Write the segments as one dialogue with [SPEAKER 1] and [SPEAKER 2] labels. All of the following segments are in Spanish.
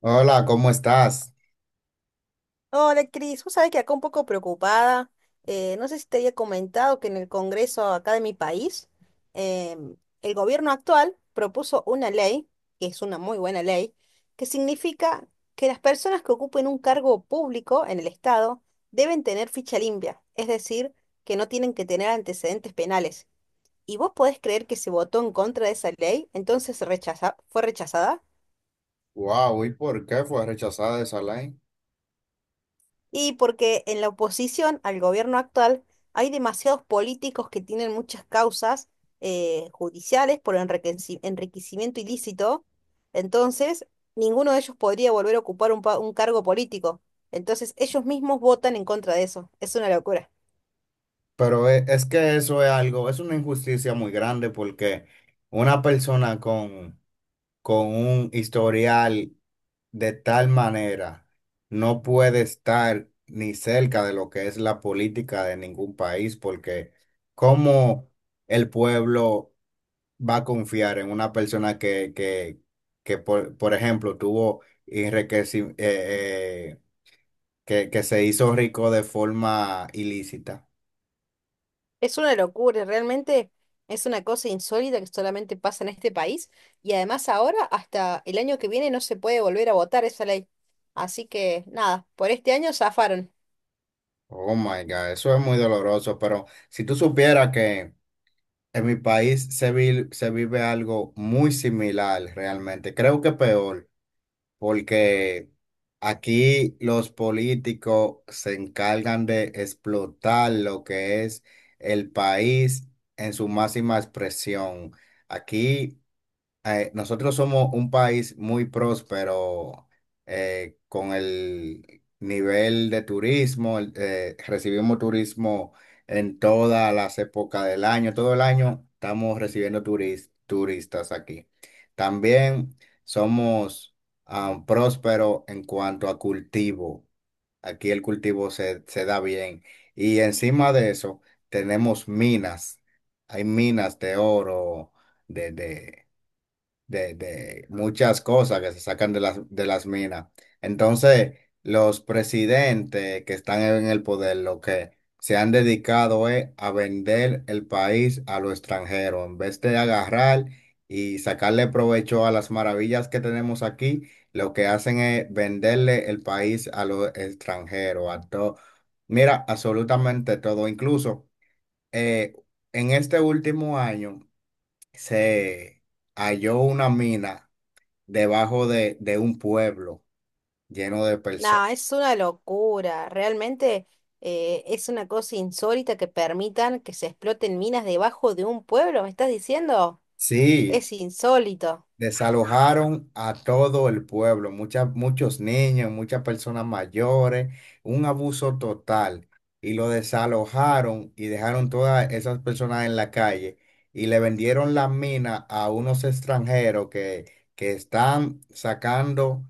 [SPEAKER 1] Hola, ¿cómo estás?
[SPEAKER 2] Hola, Cris. Vos sabés que acá un poco preocupada. No sé si te había comentado que en el Congreso acá de mi país, em, el gobierno actual propuso una ley, que es una muy buena ley, que significa que las personas que ocupen un cargo público en el Estado deben tener ficha limpia, es decir, que no tienen que tener antecedentes penales. ¿Y vos podés creer que se votó en contra de esa ley? Entonces fue rechazada.
[SPEAKER 1] Wow, ¿y por qué fue rechazada esa ley?
[SPEAKER 2] Y porque en la oposición al gobierno actual hay demasiados políticos que tienen muchas causas judiciales por enriquecimiento ilícito, entonces ninguno de ellos podría volver a ocupar un cargo político. Entonces ellos mismos votan en contra de eso. Es una locura.
[SPEAKER 1] Pero es, que eso es algo, es una injusticia muy grande porque una persona con un historial de tal manera no puede estar ni cerca de lo que es la política de ningún país porque ¿cómo el pueblo va a confiar en una persona que por ejemplo, tuvo enriquecimiento? Que que, se hizo rico de forma ilícita.
[SPEAKER 2] Es una locura, realmente es una cosa insólita que solamente pasa en este país y además ahora hasta el año que viene no se puede volver a votar esa ley. Así que nada, por este año zafaron.
[SPEAKER 1] Oh my God, eso es muy doloroso, pero si tú supieras que en mi país se vive algo muy similar realmente, creo que peor, porque aquí los políticos se encargan de explotar lo que es el país en su máxima expresión. Aquí nosotros somos un país muy próspero, con el nivel de turismo, recibimos turismo en todas las épocas del año, todo el año estamos recibiendo turistas aquí. También somos, prósperos en cuanto a cultivo, aquí el cultivo se da bien y encima de eso tenemos minas, hay minas de oro, de... de de muchas cosas que se sacan de de las minas. Entonces, los presidentes que están en el poder, lo que se han dedicado es a vender el país a lo extranjero, en vez de agarrar y sacarle provecho a las maravillas que tenemos aquí, lo que hacen es venderle el país a lo extranjero, a todo. Mira, absolutamente todo, incluso eh, en este último año se halló una mina debajo de un pueblo lleno de personas.
[SPEAKER 2] No, es una locura. Realmente es una cosa insólita que permitan que se exploten minas debajo de un pueblo, ¿me estás diciendo?
[SPEAKER 1] Sí,
[SPEAKER 2] Es insólito.
[SPEAKER 1] desalojaron a todo el pueblo, muchos niños, muchas personas mayores, un abuso total. Y lo desalojaron y dejaron todas esas personas en la calle y le vendieron la mina a unos extranjeros que están sacando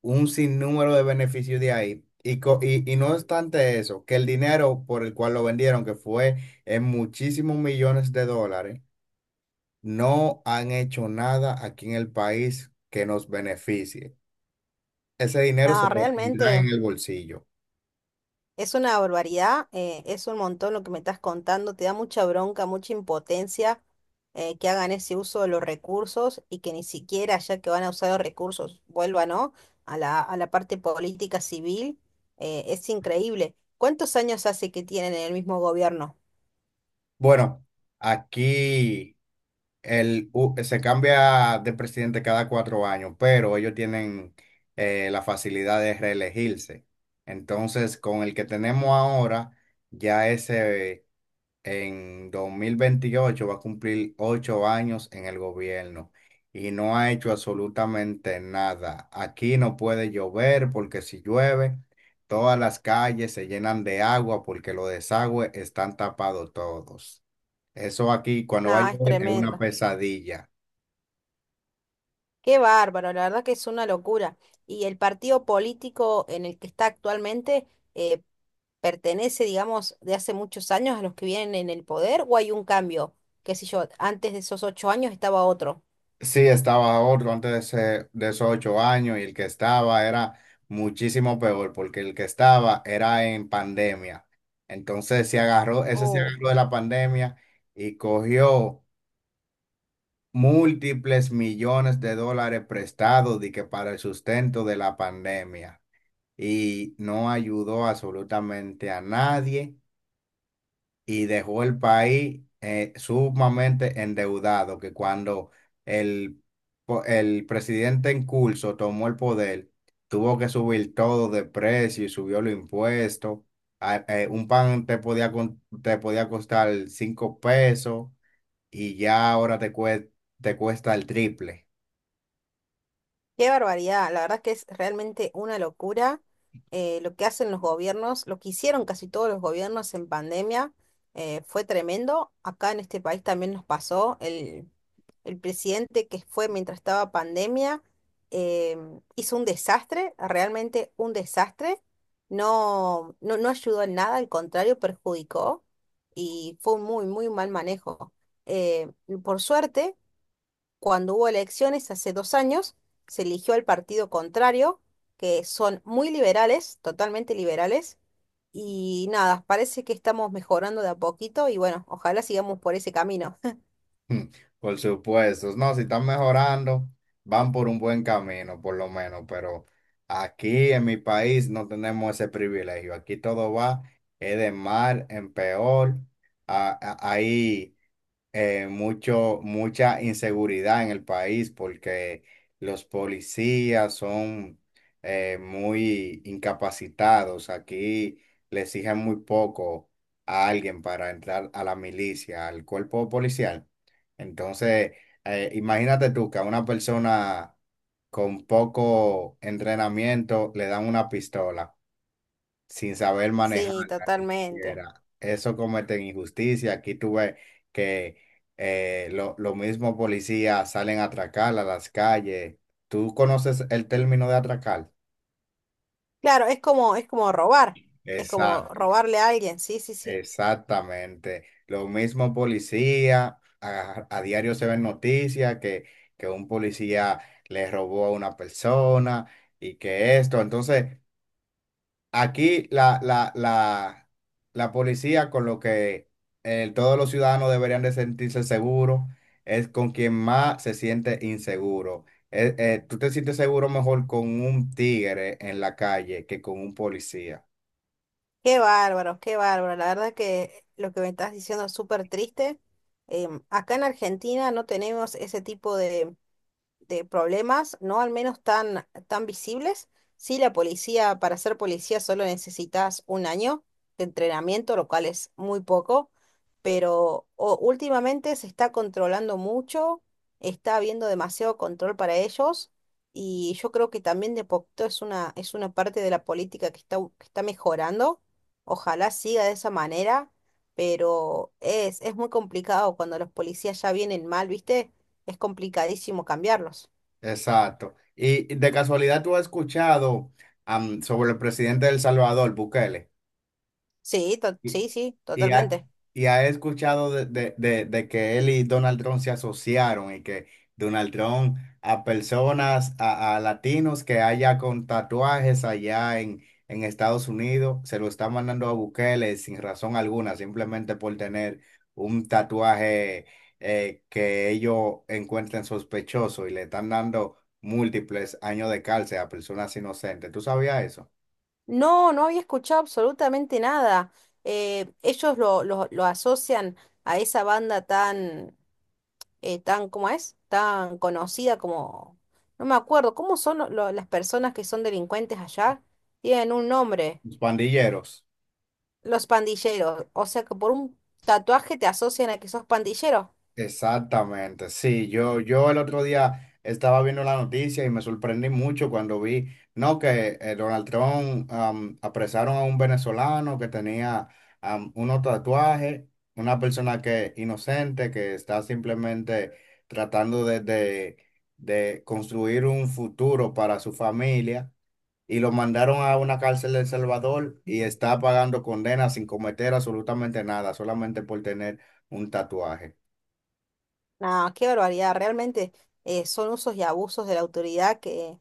[SPEAKER 1] un sinnúmero de beneficios de ahí. Y, y no obstante eso, que el dinero por el cual lo vendieron, que fue en muchísimos millones de dólares, no han hecho nada aquí en el país que nos beneficie. Ese dinero se
[SPEAKER 2] No,
[SPEAKER 1] lo tendrán en
[SPEAKER 2] realmente
[SPEAKER 1] el bolsillo.
[SPEAKER 2] es una barbaridad. Es un montón lo que me estás contando. Te da mucha bronca, mucha impotencia, que hagan ese uso de los recursos y que ni siquiera, ya que van a usar los recursos, vuelvan, ¿no? A la parte política civil. Es increíble. ¿Cuántos años hace que tienen en el mismo gobierno?
[SPEAKER 1] Bueno, aquí se cambia de presidente cada 4 años, pero ellos tienen, la facilidad de reelegirse. Entonces, con el que tenemos ahora, ya ese... en 2028 va a cumplir 8 años en el gobierno y no ha hecho absolutamente nada. Aquí no puede llover porque si llueve, todas las calles se llenan de agua porque los desagües están tapados todos. Eso aquí cuando va a
[SPEAKER 2] No, es
[SPEAKER 1] llover es una
[SPEAKER 2] tremendo.
[SPEAKER 1] pesadilla.
[SPEAKER 2] Qué bárbaro, la verdad que es una locura. Y el partido político en el que está actualmente eh, pertenece, digamos, de hace muchos años a los que vienen en el poder o hay un cambio, qué sé yo, antes de esos 8 años estaba otro.
[SPEAKER 1] Sí, estaba otro antes de, de esos 8 años y el que estaba era muchísimo peor porque el que estaba era en pandemia. Entonces se agarró, ese se
[SPEAKER 2] Oh,
[SPEAKER 1] agarró de la pandemia y cogió múltiples millones de dólares prestados de que para el sustento de la pandemia y no ayudó absolutamente a nadie y dejó el país, sumamente endeudado, que cuando el, el presidente en curso tomó el poder, tuvo que subir todo de precio y subió los impuestos. Un pan te podía, te podía costar 5 pesos y ya ahora te cuesta el triple.
[SPEAKER 2] qué barbaridad, la verdad que es realmente una locura, lo que hacen los gobiernos, lo que hicieron casi todos los gobiernos en pandemia fue tremendo. Acá en este país también nos pasó El presidente que fue mientras estaba pandemia hizo un desastre, realmente un desastre. No, no, no ayudó en nada, al contrario, perjudicó y fue un muy mal manejo. Eh, por suerte, cuando hubo elecciones hace 2 años, se eligió al partido contrario, que son muy liberales, totalmente liberales. Y nada, parece que estamos mejorando de a poquito y bueno, ojalá sigamos por ese camino.
[SPEAKER 1] Mm. Por supuesto, no, si están mejorando, van por un buen camino, por lo menos, pero aquí en mi país no tenemos ese privilegio. Aquí todo va, es de mal en peor. Ahí, mucha inseguridad en el país porque los policías son, muy incapacitados. Aquí le exigen muy poco a alguien para entrar a la milicia, al cuerpo policial. Entonces, imagínate tú que a una persona con poco entrenamiento le dan una pistola sin saber
[SPEAKER 2] Sí,
[SPEAKER 1] manejarla ni
[SPEAKER 2] totalmente.
[SPEAKER 1] siquiera. Eso cometen injusticia. Aquí tú ves que los mismos policías salen a atracar a las calles. ¿Tú conoces el término de atracar?
[SPEAKER 2] Claro, es como robar, es como
[SPEAKER 1] Exacto,
[SPEAKER 2] robarle a alguien, sí, sí, sí.
[SPEAKER 1] exactamente. Lo mismo policía, a diario se ven noticias que un policía le robó a una persona y que esto. Entonces, aquí la policía con lo que, todos los ciudadanos deberían de sentirse seguros, es con quien más se siente inseguro. Tú te sientes seguro mejor con un tigre en la calle que con un policía.
[SPEAKER 2] Qué bárbaro, qué bárbaro. La verdad que lo que me estás diciendo es súper triste. Acá en Argentina no tenemos ese tipo de problemas, no al menos tan visibles. Sí, la policía, para ser policía solo necesitas un año de entrenamiento, lo cual es muy poco, pero últimamente se está controlando mucho, está habiendo demasiado control para ellos y yo creo que también de poquito es es una parte de la política que está mejorando. Ojalá siga de esa manera, pero es muy complicado cuando los policías ya vienen mal, ¿viste? Es complicadísimo cambiarlos.
[SPEAKER 1] Exacto. Y de casualidad tú has escuchado, sobre el presidente de El Salvador, Bukele. Y,
[SPEAKER 2] Sí, sí,
[SPEAKER 1] y ha,
[SPEAKER 2] totalmente.
[SPEAKER 1] y ha escuchado de, de que él y Donald Trump se asociaron y que Donald Trump a personas, a latinos que haya con tatuajes allá en Estados Unidos, se lo está mandando a Bukele sin razón alguna, simplemente por tener un tatuaje que ellos encuentren sospechoso y le están dando múltiples años de cárcel a personas inocentes. ¿Tú sabías eso?
[SPEAKER 2] No, no había escuchado absolutamente nada. Ellos lo asocian a esa banda tan, ¿cómo es? Tan conocida como, no me acuerdo, ¿cómo son las personas que son delincuentes allá? Tienen un nombre,
[SPEAKER 1] Los pandilleros.
[SPEAKER 2] los pandilleros. O sea que por un tatuaje te asocian a que sos pandillero.
[SPEAKER 1] Exactamente, sí, yo el otro día estaba viendo la noticia y me sorprendí mucho cuando vi, no, que Donald Trump, apresaron a un venezolano que tenía, unos tatuajes, una persona que inocente, que está simplemente tratando de construir un futuro para su familia y lo mandaron a una cárcel de El Salvador y está pagando condena sin cometer absolutamente nada, solamente por tener un tatuaje.
[SPEAKER 2] No, qué barbaridad, realmente son usos y abusos de la autoridad, qué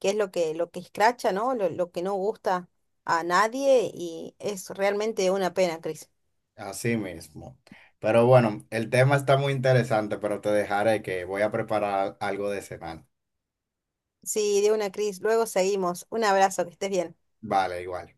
[SPEAKER 2] es lo que escracha, ¿no? Lo que no gusta a nadie y es realmente una pena, Cris.
[SPEAKER 1] Así mismo. Pero bueno, el tema está muy interesante, pero te dejaré que voy a preparar algo de cenar.
[SPEAKER 2] Sí, de una, Cris. Luego seguimos. Un abrazo, que estés bien.
[SPEAKER 1] Vale, igual.